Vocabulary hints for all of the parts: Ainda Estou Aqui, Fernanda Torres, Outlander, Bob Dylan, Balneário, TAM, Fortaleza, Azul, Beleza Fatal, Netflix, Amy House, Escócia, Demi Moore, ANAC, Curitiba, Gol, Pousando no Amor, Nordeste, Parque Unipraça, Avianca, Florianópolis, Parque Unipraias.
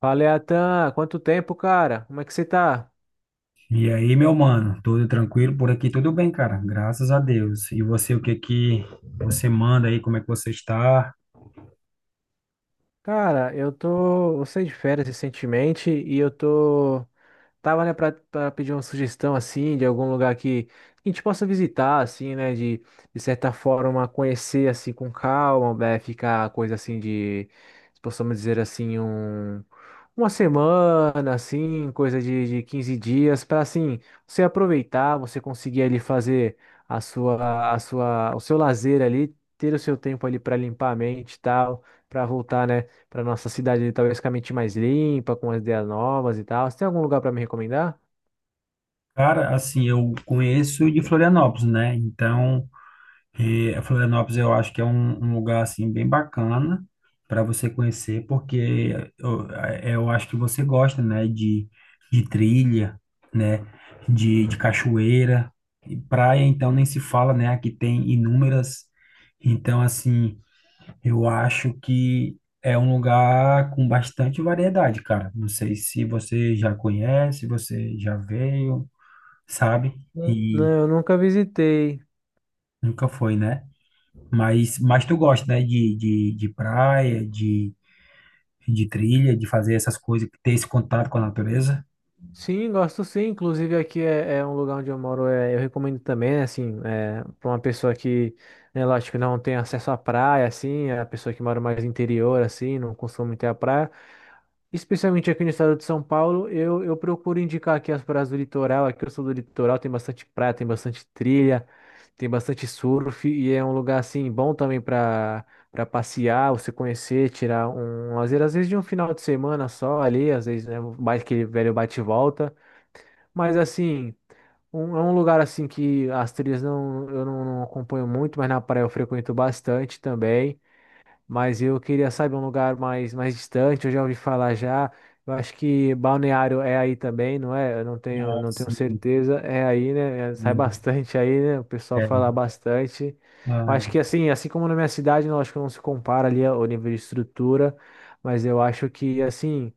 Fala, Atan, quanto tempo, cara? Como é que você tá? E aí, meu mano, tudo tranquilo por aqui? Tudo bem, cara? Graças a Deus. E você, o que você manda aí? Como é que você está? Cara, eu saí de férias recentemente e eu tô Tava, né, pra pedir uma sugestão, assim, de algum lugar que a gente possa visitar, assim, né, de certa forma conhecer, assim, com calma, né, ficar coisa assim de, possamos dizer assim, um, uma semana, assim, coisa de 15 dias, para assim, você aproveitar, você conseguir ali fazer o seu lazer ali, ter o seu tempo ali para limpar a mente e tal, para voltar, né? Para nossa cidade, ali, talvez com a mente mais limpa, com as ideias novas e tal. Você tem algum lugar para me recomendar? Cara, assim, eu conheço de Florianópolis, né? Então, Florianópolis eu acho que é um lugar assim bem bacana para você conhecer, porque eu acho que você gosta, né? De trilha, né? De cachoeira. E praia, então, nem se fala, né? Aqui tem inúmeras. Então, assim. Eu acho que é um lugar com bastante variedade, cara. Não sei se você já conhece, você já veio, sabe? Não, não, E eu nunca visitei. nunca foi, né? Mas tu gosta, né? De praia, de trilha, de fazer essas coisas, ter esse contato com a natureza? Sim, gosto sim. Inclusive aqui é um lugar onde eu moro. É, eu recomendo também, né, assim, para uma pessoa que, né, lógico, não tem acesso à praia, assim, é a pessoa que mora mais no interior, assim, não costuma ter a praia. Especialmente aqui no estado de São Paulo, eu procuro indicar aqui as praias do litoral. Aqui eu sou do litoral, tem bastante praia, tem bastante trilha, tem bastante surf e é um lugar assim bom também para passear, você conhecer, tirar um lazer, às vezes de um final de semana só ali, às vezes né, mais aquele velho bate e volta. Mas assim, é um lugar assim que as trilhas não eu não, não acompanho muito, mas na praia eu frequento bastante também, mas eu queria, sabe, um lugar mais, mais distante, eu já ouvi falar já. Eu acho que Balneário é aí também, não é? Eu não tenho, Ah, não tenho sim. certeza. É aí, né? É, sai Sim. bastante aí, né? O pessoal fala É. bastante. Eu acho Ah. que assim, assim como na minha cidade, não acho que não se compara ali o nível de estrutura, mas eu acho que assim.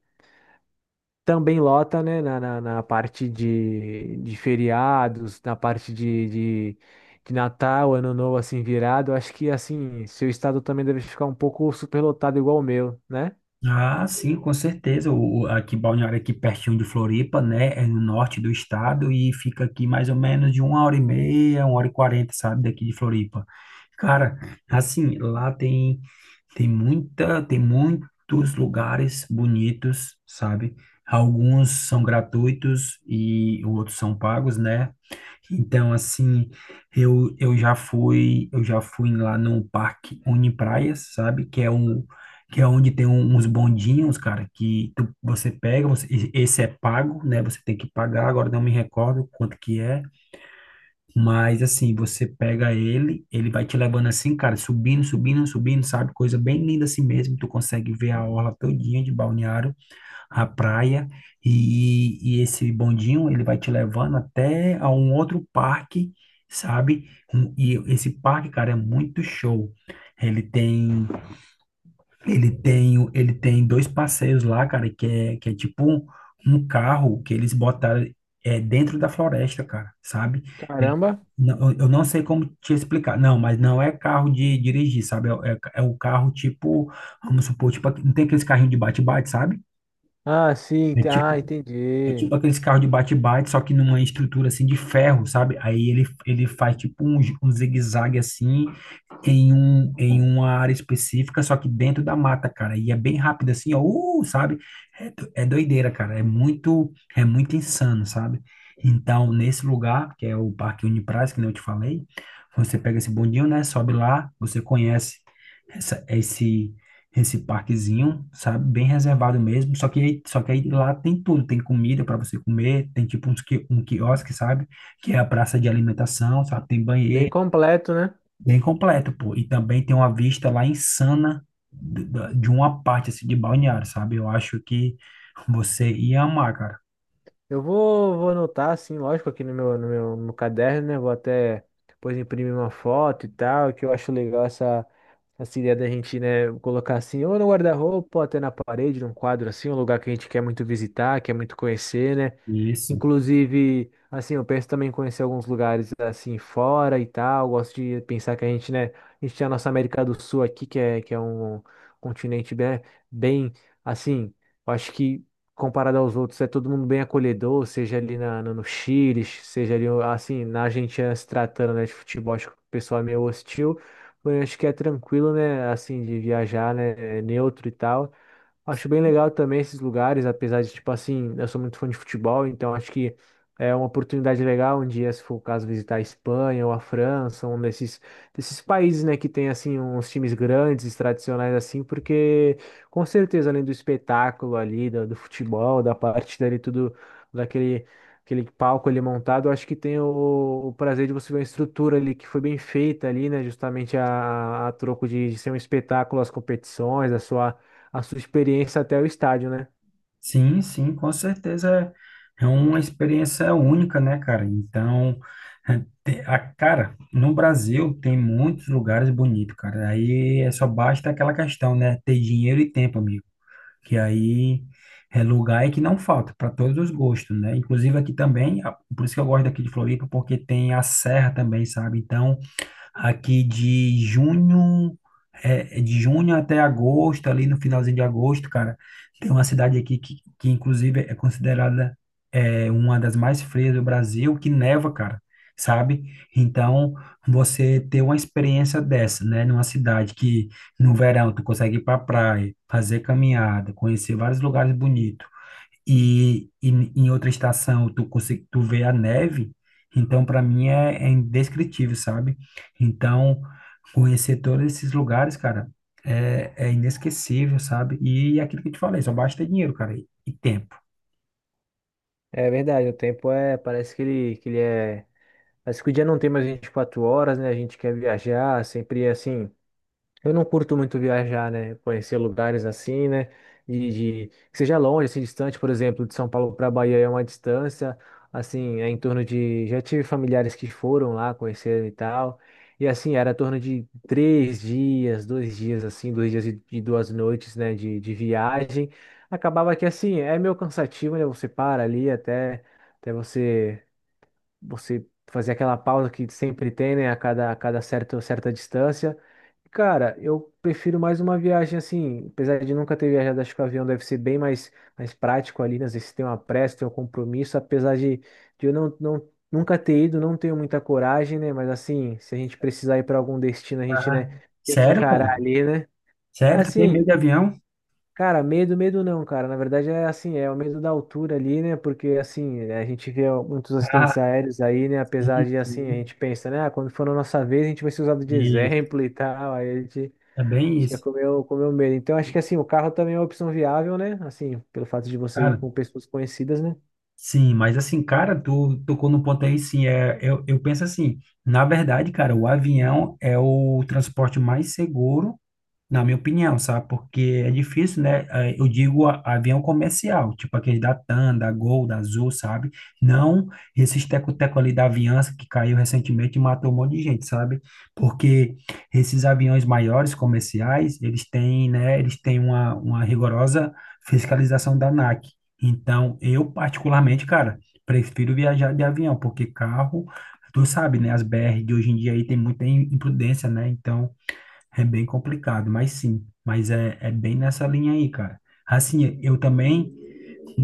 Também lota, né, na parte de feriados, na parte de, de Natal, Ano Novo, assim, virado. Acho que, assim, seu estado também deve ficar um pouco superlotado igual o meu, né? Ah, sim, com certeza. Aqui, Balneário, aqui pertinho de Floripa, né? É no norte do estado e fica aqui mais ou menos de uma hora e meia, uma hora e quarenta, sabe? Daqui de Floripa. Cara, assim, tem tem muitos lugares bonitos, sabe? Alguns são gratuitos e outros são pagos, né? Então, assim, eu já fui lá no Parque Unipraias, sabe? Que é um que é onde tem uns bondinhos, cara, você pega, esse é pago, né? Você tem que pagar, agora não me recordo quanto que é, mas assim, você pega ele, ele vai te levando assim, cara, subindo, sabe? Coisa bem linda assim mesmo, tu consegue ver a orla todinha de Balneário, a praia, e esse bondinho, ele vai te levando até a um outro parque, sabe? E esse parque, cara, é muito show. Ele tem Ele tem, ele tem dois passeios lá, cara, que é tipo um carro que eles botaram dentro da floresta, cara, sabe? É, Caramba. não- eu não sei como te explicar. Não, mas não é carro de dirigir, sabe? É o carro tipo, vamos supor, tipo, não tem aqueles carrinhos de bate-bate, sabe? Ah, sim. É Ah, tipo é entendi. tipo aqueles carros de bate-bate, só que numa estrutura assim de ferro, sabe? Ele faz tipo gi- um zigue-zague assim, em uma área específica, só que dentro da mata, cara. E é bem rápido assim, ó, sabe? É, do- é doideira, cara. É muito insano, sabe? Então, nesse lugar, que é o Parque Unipraça, que nem eu te falei, você pega esse bondinho, né? Sobe lá, você conhece esse parquezinho, sabe? Bem reservado mesmo. Só que aí lá tem tudo. Tem comida para você comer, tem tipo um quiosque, sabe? Que é a praça de alimentação, sabe? Tem Bem banheiro, completo, né? bem completo, pô. E também tem uma vista lá insana de uma parte, assim, de balneário, sabe? Eu acho que você ia amar, cara. Eu vou, vou anotar, assim, lógico, aqui no meu caderno, né? Vou até depois imprimir uma foto e tal, que eu acho legal essa ideia da gente, né, colocar assim, ou no guarda-roupa, ou até na parede, num quadro assim, um lugar que a gente quer muito visitar, quer muito conhecer, né? Isso. Inclusive, assim, eu penso também em conhecer alguns lugares assim fora e tal. Gosto de pensar que a gente, né, a gente tem a nossa América do Sul aqui, que é um continente bem, bem, assim, eu acho que comparado aos outros, é todo mundo bem acolhedor, seja ali na, no Chile, seja ali, assim, na Argentina se tratando, né, de futebol, acho que o pessoal é meio hostil. Porém, acho que é tranquilo, né, assim, de viajar, né, é neutro e tal. Acho bem legal também esses lugares, apesar de, tipo assim, eu sou muito fã de futebol, então acho que é uma oportunidade legal um dia, se for o caso, visitar a Espanha ou a França, um desses países, né, que tem, assim, uns times grandes, tradicionais, assim, porque com certeza, além do espetáculo ali, do, do futebol, da partida ali, tudo, daquele aquele palco ali montado, eu acho que tem o prazer de você ver a estrutura ali, que foi bem feita ali, né, justamente a troco de ser um espetáculo, as competições, a sua experiência até o estádio, né? Sim, sim, com certeza é uma experiência única, né, cara? Então, cara, no Brasil tem muitos lugares bonitos, cara. Aí é só basta aquela questão, né? Ter dinheiro e tempo, amigo. Que aí é lugar é que não falta, para todos os gostos, né? Inclusive aqui também, a- por isso que eu gosto daqui de Floripa, porque tem a serra também, sabe? Então, Aqui de junho, é, é de junho até agosto, ali no finalzinho de agosto, cara, tem uma cidade aqui que inclusive é considerada uma das mais frias do Brasil, que neva, cara, sabe? Então, você ter uma experiência dessa, né, numa cidade que no verão tu consegue ir pra praia, fazer caminhada, conhecer vários lugares bonitos, e em outra estação tu consegue tu vê a neve, então para mim é, é indescritível, sabe? Então conhecer todos esses lugares, cara, é, é inesquecível, sabe? E aquilo que eu te falei, só basta dinheiro, cara, e tempo. É verdade, o tempo é, parece que ele é, parece que o dia não tem mais 24 horas, né? A gente quer viajar, sempre é assim, eu não curto muito viajar, né? Conhecer lugares assim, né? De, que seja longe, assim, distante, por exemplo, de São Paulo para Bahia é uma distância, assim, é em torno de. Já tive familiares que foram lá conheceram e tal. E assim, era em torno de três dias, dois dias, assim, dois dias e duas noites, né? De viagem. Acabava que assim, é meio cansativo, né? Você para ali até, até você você fazer aquela pausa que sempre tem, né, a cada certo, certa distância. Cara, eu prefiro mais uma viagem assim, apesar de nunca ter viajado, acho que o avião deve ser bem mais, mais prático ali, né? Às vezes tem uma pressa, tem um compromisso, apesar de eu nunca ter ido, não tenho muita coragem, né? Mas assim, se a gente precisar ir para algum destino, a gente, Ah, né, tem que sério, cara? encarar ali, né? Sério, tu tem Assim, medo de avião? cara, medo, medo não, cara. Na verdade é assim, é o medo da altura ali, né? Porque assim, a gente vê muitos Ah, acidentes aéreos aí, né? Apesar sim, de assim, a sim. gente pensa, né? Ah, quando for na nossa vez, a gente vai ser usado de Isso. exemplo e tal. Aí a gente É bem fica isso. com com o meu medo. Então acho que assim, o carro também é uma opção viável, né? Assim, pelo fato de você ir Cara, com pessoas conhecidas, né? Sim, mas assim, cara, tu tocou no ponto aí, sim, é, eu penso assim, na verdade, cara, o avião é o transporte mais seguro na minha opinião, sabe? Porque é difícil, né? Eu digo a- avião comercial, tipo aquele da TAM, da Gol, da Azul, sabe? Não esses teco-teco ali da Avianca que caiu recentemente e matou um monte de gente, sabe? Porque esses aviões maiores comerciais, eles têm, né? Eles têm uma rigorosa fiscalização da ANAC. Então, eu particularmente, cara, prefiro viajar de avião, porque carro, tu sabe, né? As BR de hoje em dia aí tem muita im- imprudência, né? Então, é bem complicado, mas sim, mas é, é bem nessa linha aí, cara. Assim, eu também,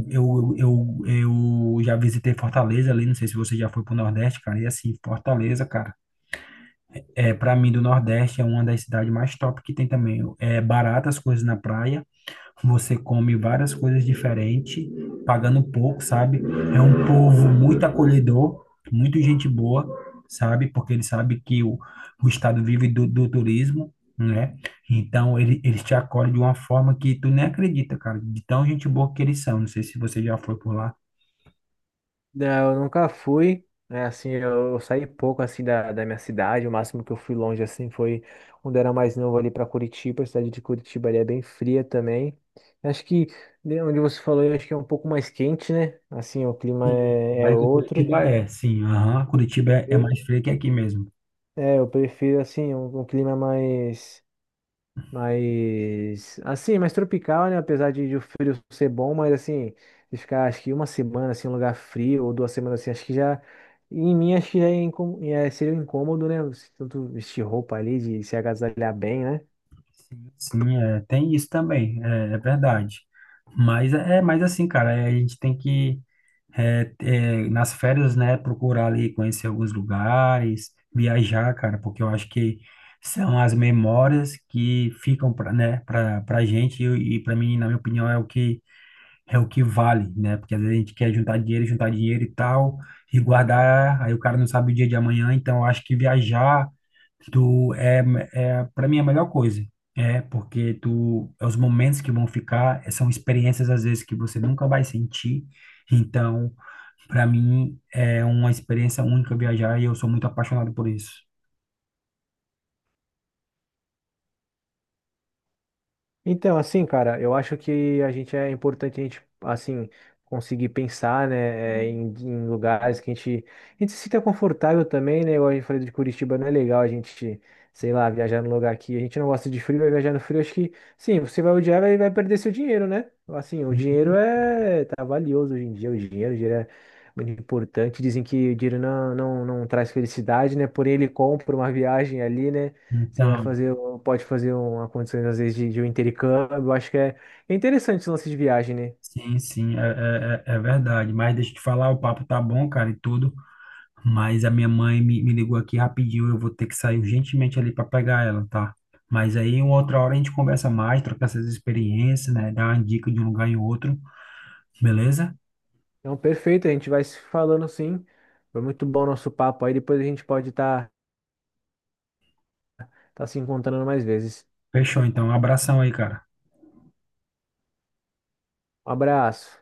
eu já visitei Fortaleza ali, não sei se você já foi pro Nordeste, cara, e assim, Fortaleza, cara, é, para mim do Nordeste é uma das cidades mais top que tem também. É baratas as coisas na praia, você come várias coisas diferentes, pagando pouco, sabe? É um povo muito acolhedor, muito gente boa, sabe? Porque ele sabe que o estado vive do turismo, né? Então, eles te acolhem de uma forma que tu nem acredita, cara, de tão gente boa que eles são. Não sei se você já foi por lá. Não, eu nunca fui. Né, assim, eu saí pouco assim da, da minha cidade. O máximo que eu fui longe assim foi quando era mais novo ali para Curitiba. A cidade de Curitiba ali é bem fria também. Acho que né, onde você falou, eu acho que é um pouco mais quente, né? Assim, o clima Sim, é, é mas o outro. Curitiba é, sim, aham, Curitiba é, é mais Eu, frio que aqui mesmo. é, eu prefiro assim um, um clima mais, mas, assim, mais tropical, né? Apesar de o frio ser bom, mas assim, de ficar acho que uma semana assim, em um lugar frio, ou duas semanas assim, acho que já. Em mim, acho que já é, seria um incômodo, né? Você tanto vestir roupa ali, de se agasalhar bem, né? Sim, sim, é, tem isso também, é, é verdade. Mas é, é mais assim, cara, é, a gente tem que é, é, nas férias, né, procurar ali conhecer alguns lugares, viajar, cara, porque eu acho que são as memórias que ficam, pra, né, para gente e para mim, na minha opinião, é o que vale, né? Porque às vezes a gente quer juntar dinheiro e tal, e guardar, aí o cara não sabe o dia de amanhã, então eu acho que viajar tu é, é para mim é a melhor coisa. É, porque tu é os momentos que vão ficar, é, são experiências às vezes que você nunca vai sentir. Então, para mim é uma experiência única viajar e eu sou muito apaixonado por isso. Então, assim, cara, eu acho que a gente é importante a gente, assim, conseguir pensar, né, é, em, em lugares que a gente se sinta confortável também, né? Igual a gente falou de Curitiba, não é legal a gente, sei lá, viajar num lugar que a gente não gosta de frio, vai viajar no frio, acho que, sim, você vai odiar e vai, vai perder seu dinheiro, né? Assim, o dinheiro Uhum. é, tá valioso hoje em dia, o dinheiro é muito importante. Dizem que o dinheiro não traz felicidade, né? Porém, ele compra uma viagem ali, né? Você vai Então, fazer, um, pode fazer uma condição, às vezes, de um intercâmbio. Eu acho que é, é interessante esse lance de viagem, né? sim, sim, é, é, é é verdade. Mas deixa eu te falar, o papo tá bom, cara, e tudo. Mas a minha mãe me ligou aqui rapidinho, eu vou ter que sair urgentemente ali para pegar ela, tá? Mas aí, uma outra hora a gente conversa mais, troca essas experiências, né? Dá uma dica de um lugar em outro, beleza? Então, perfeito, a gente vai se falando sim. Foi muito bom o nosso papo aí. Depois a gente pode estar tá se encontrando mais vezes. Fechou, então. Um abração aí, cara. Um abraço.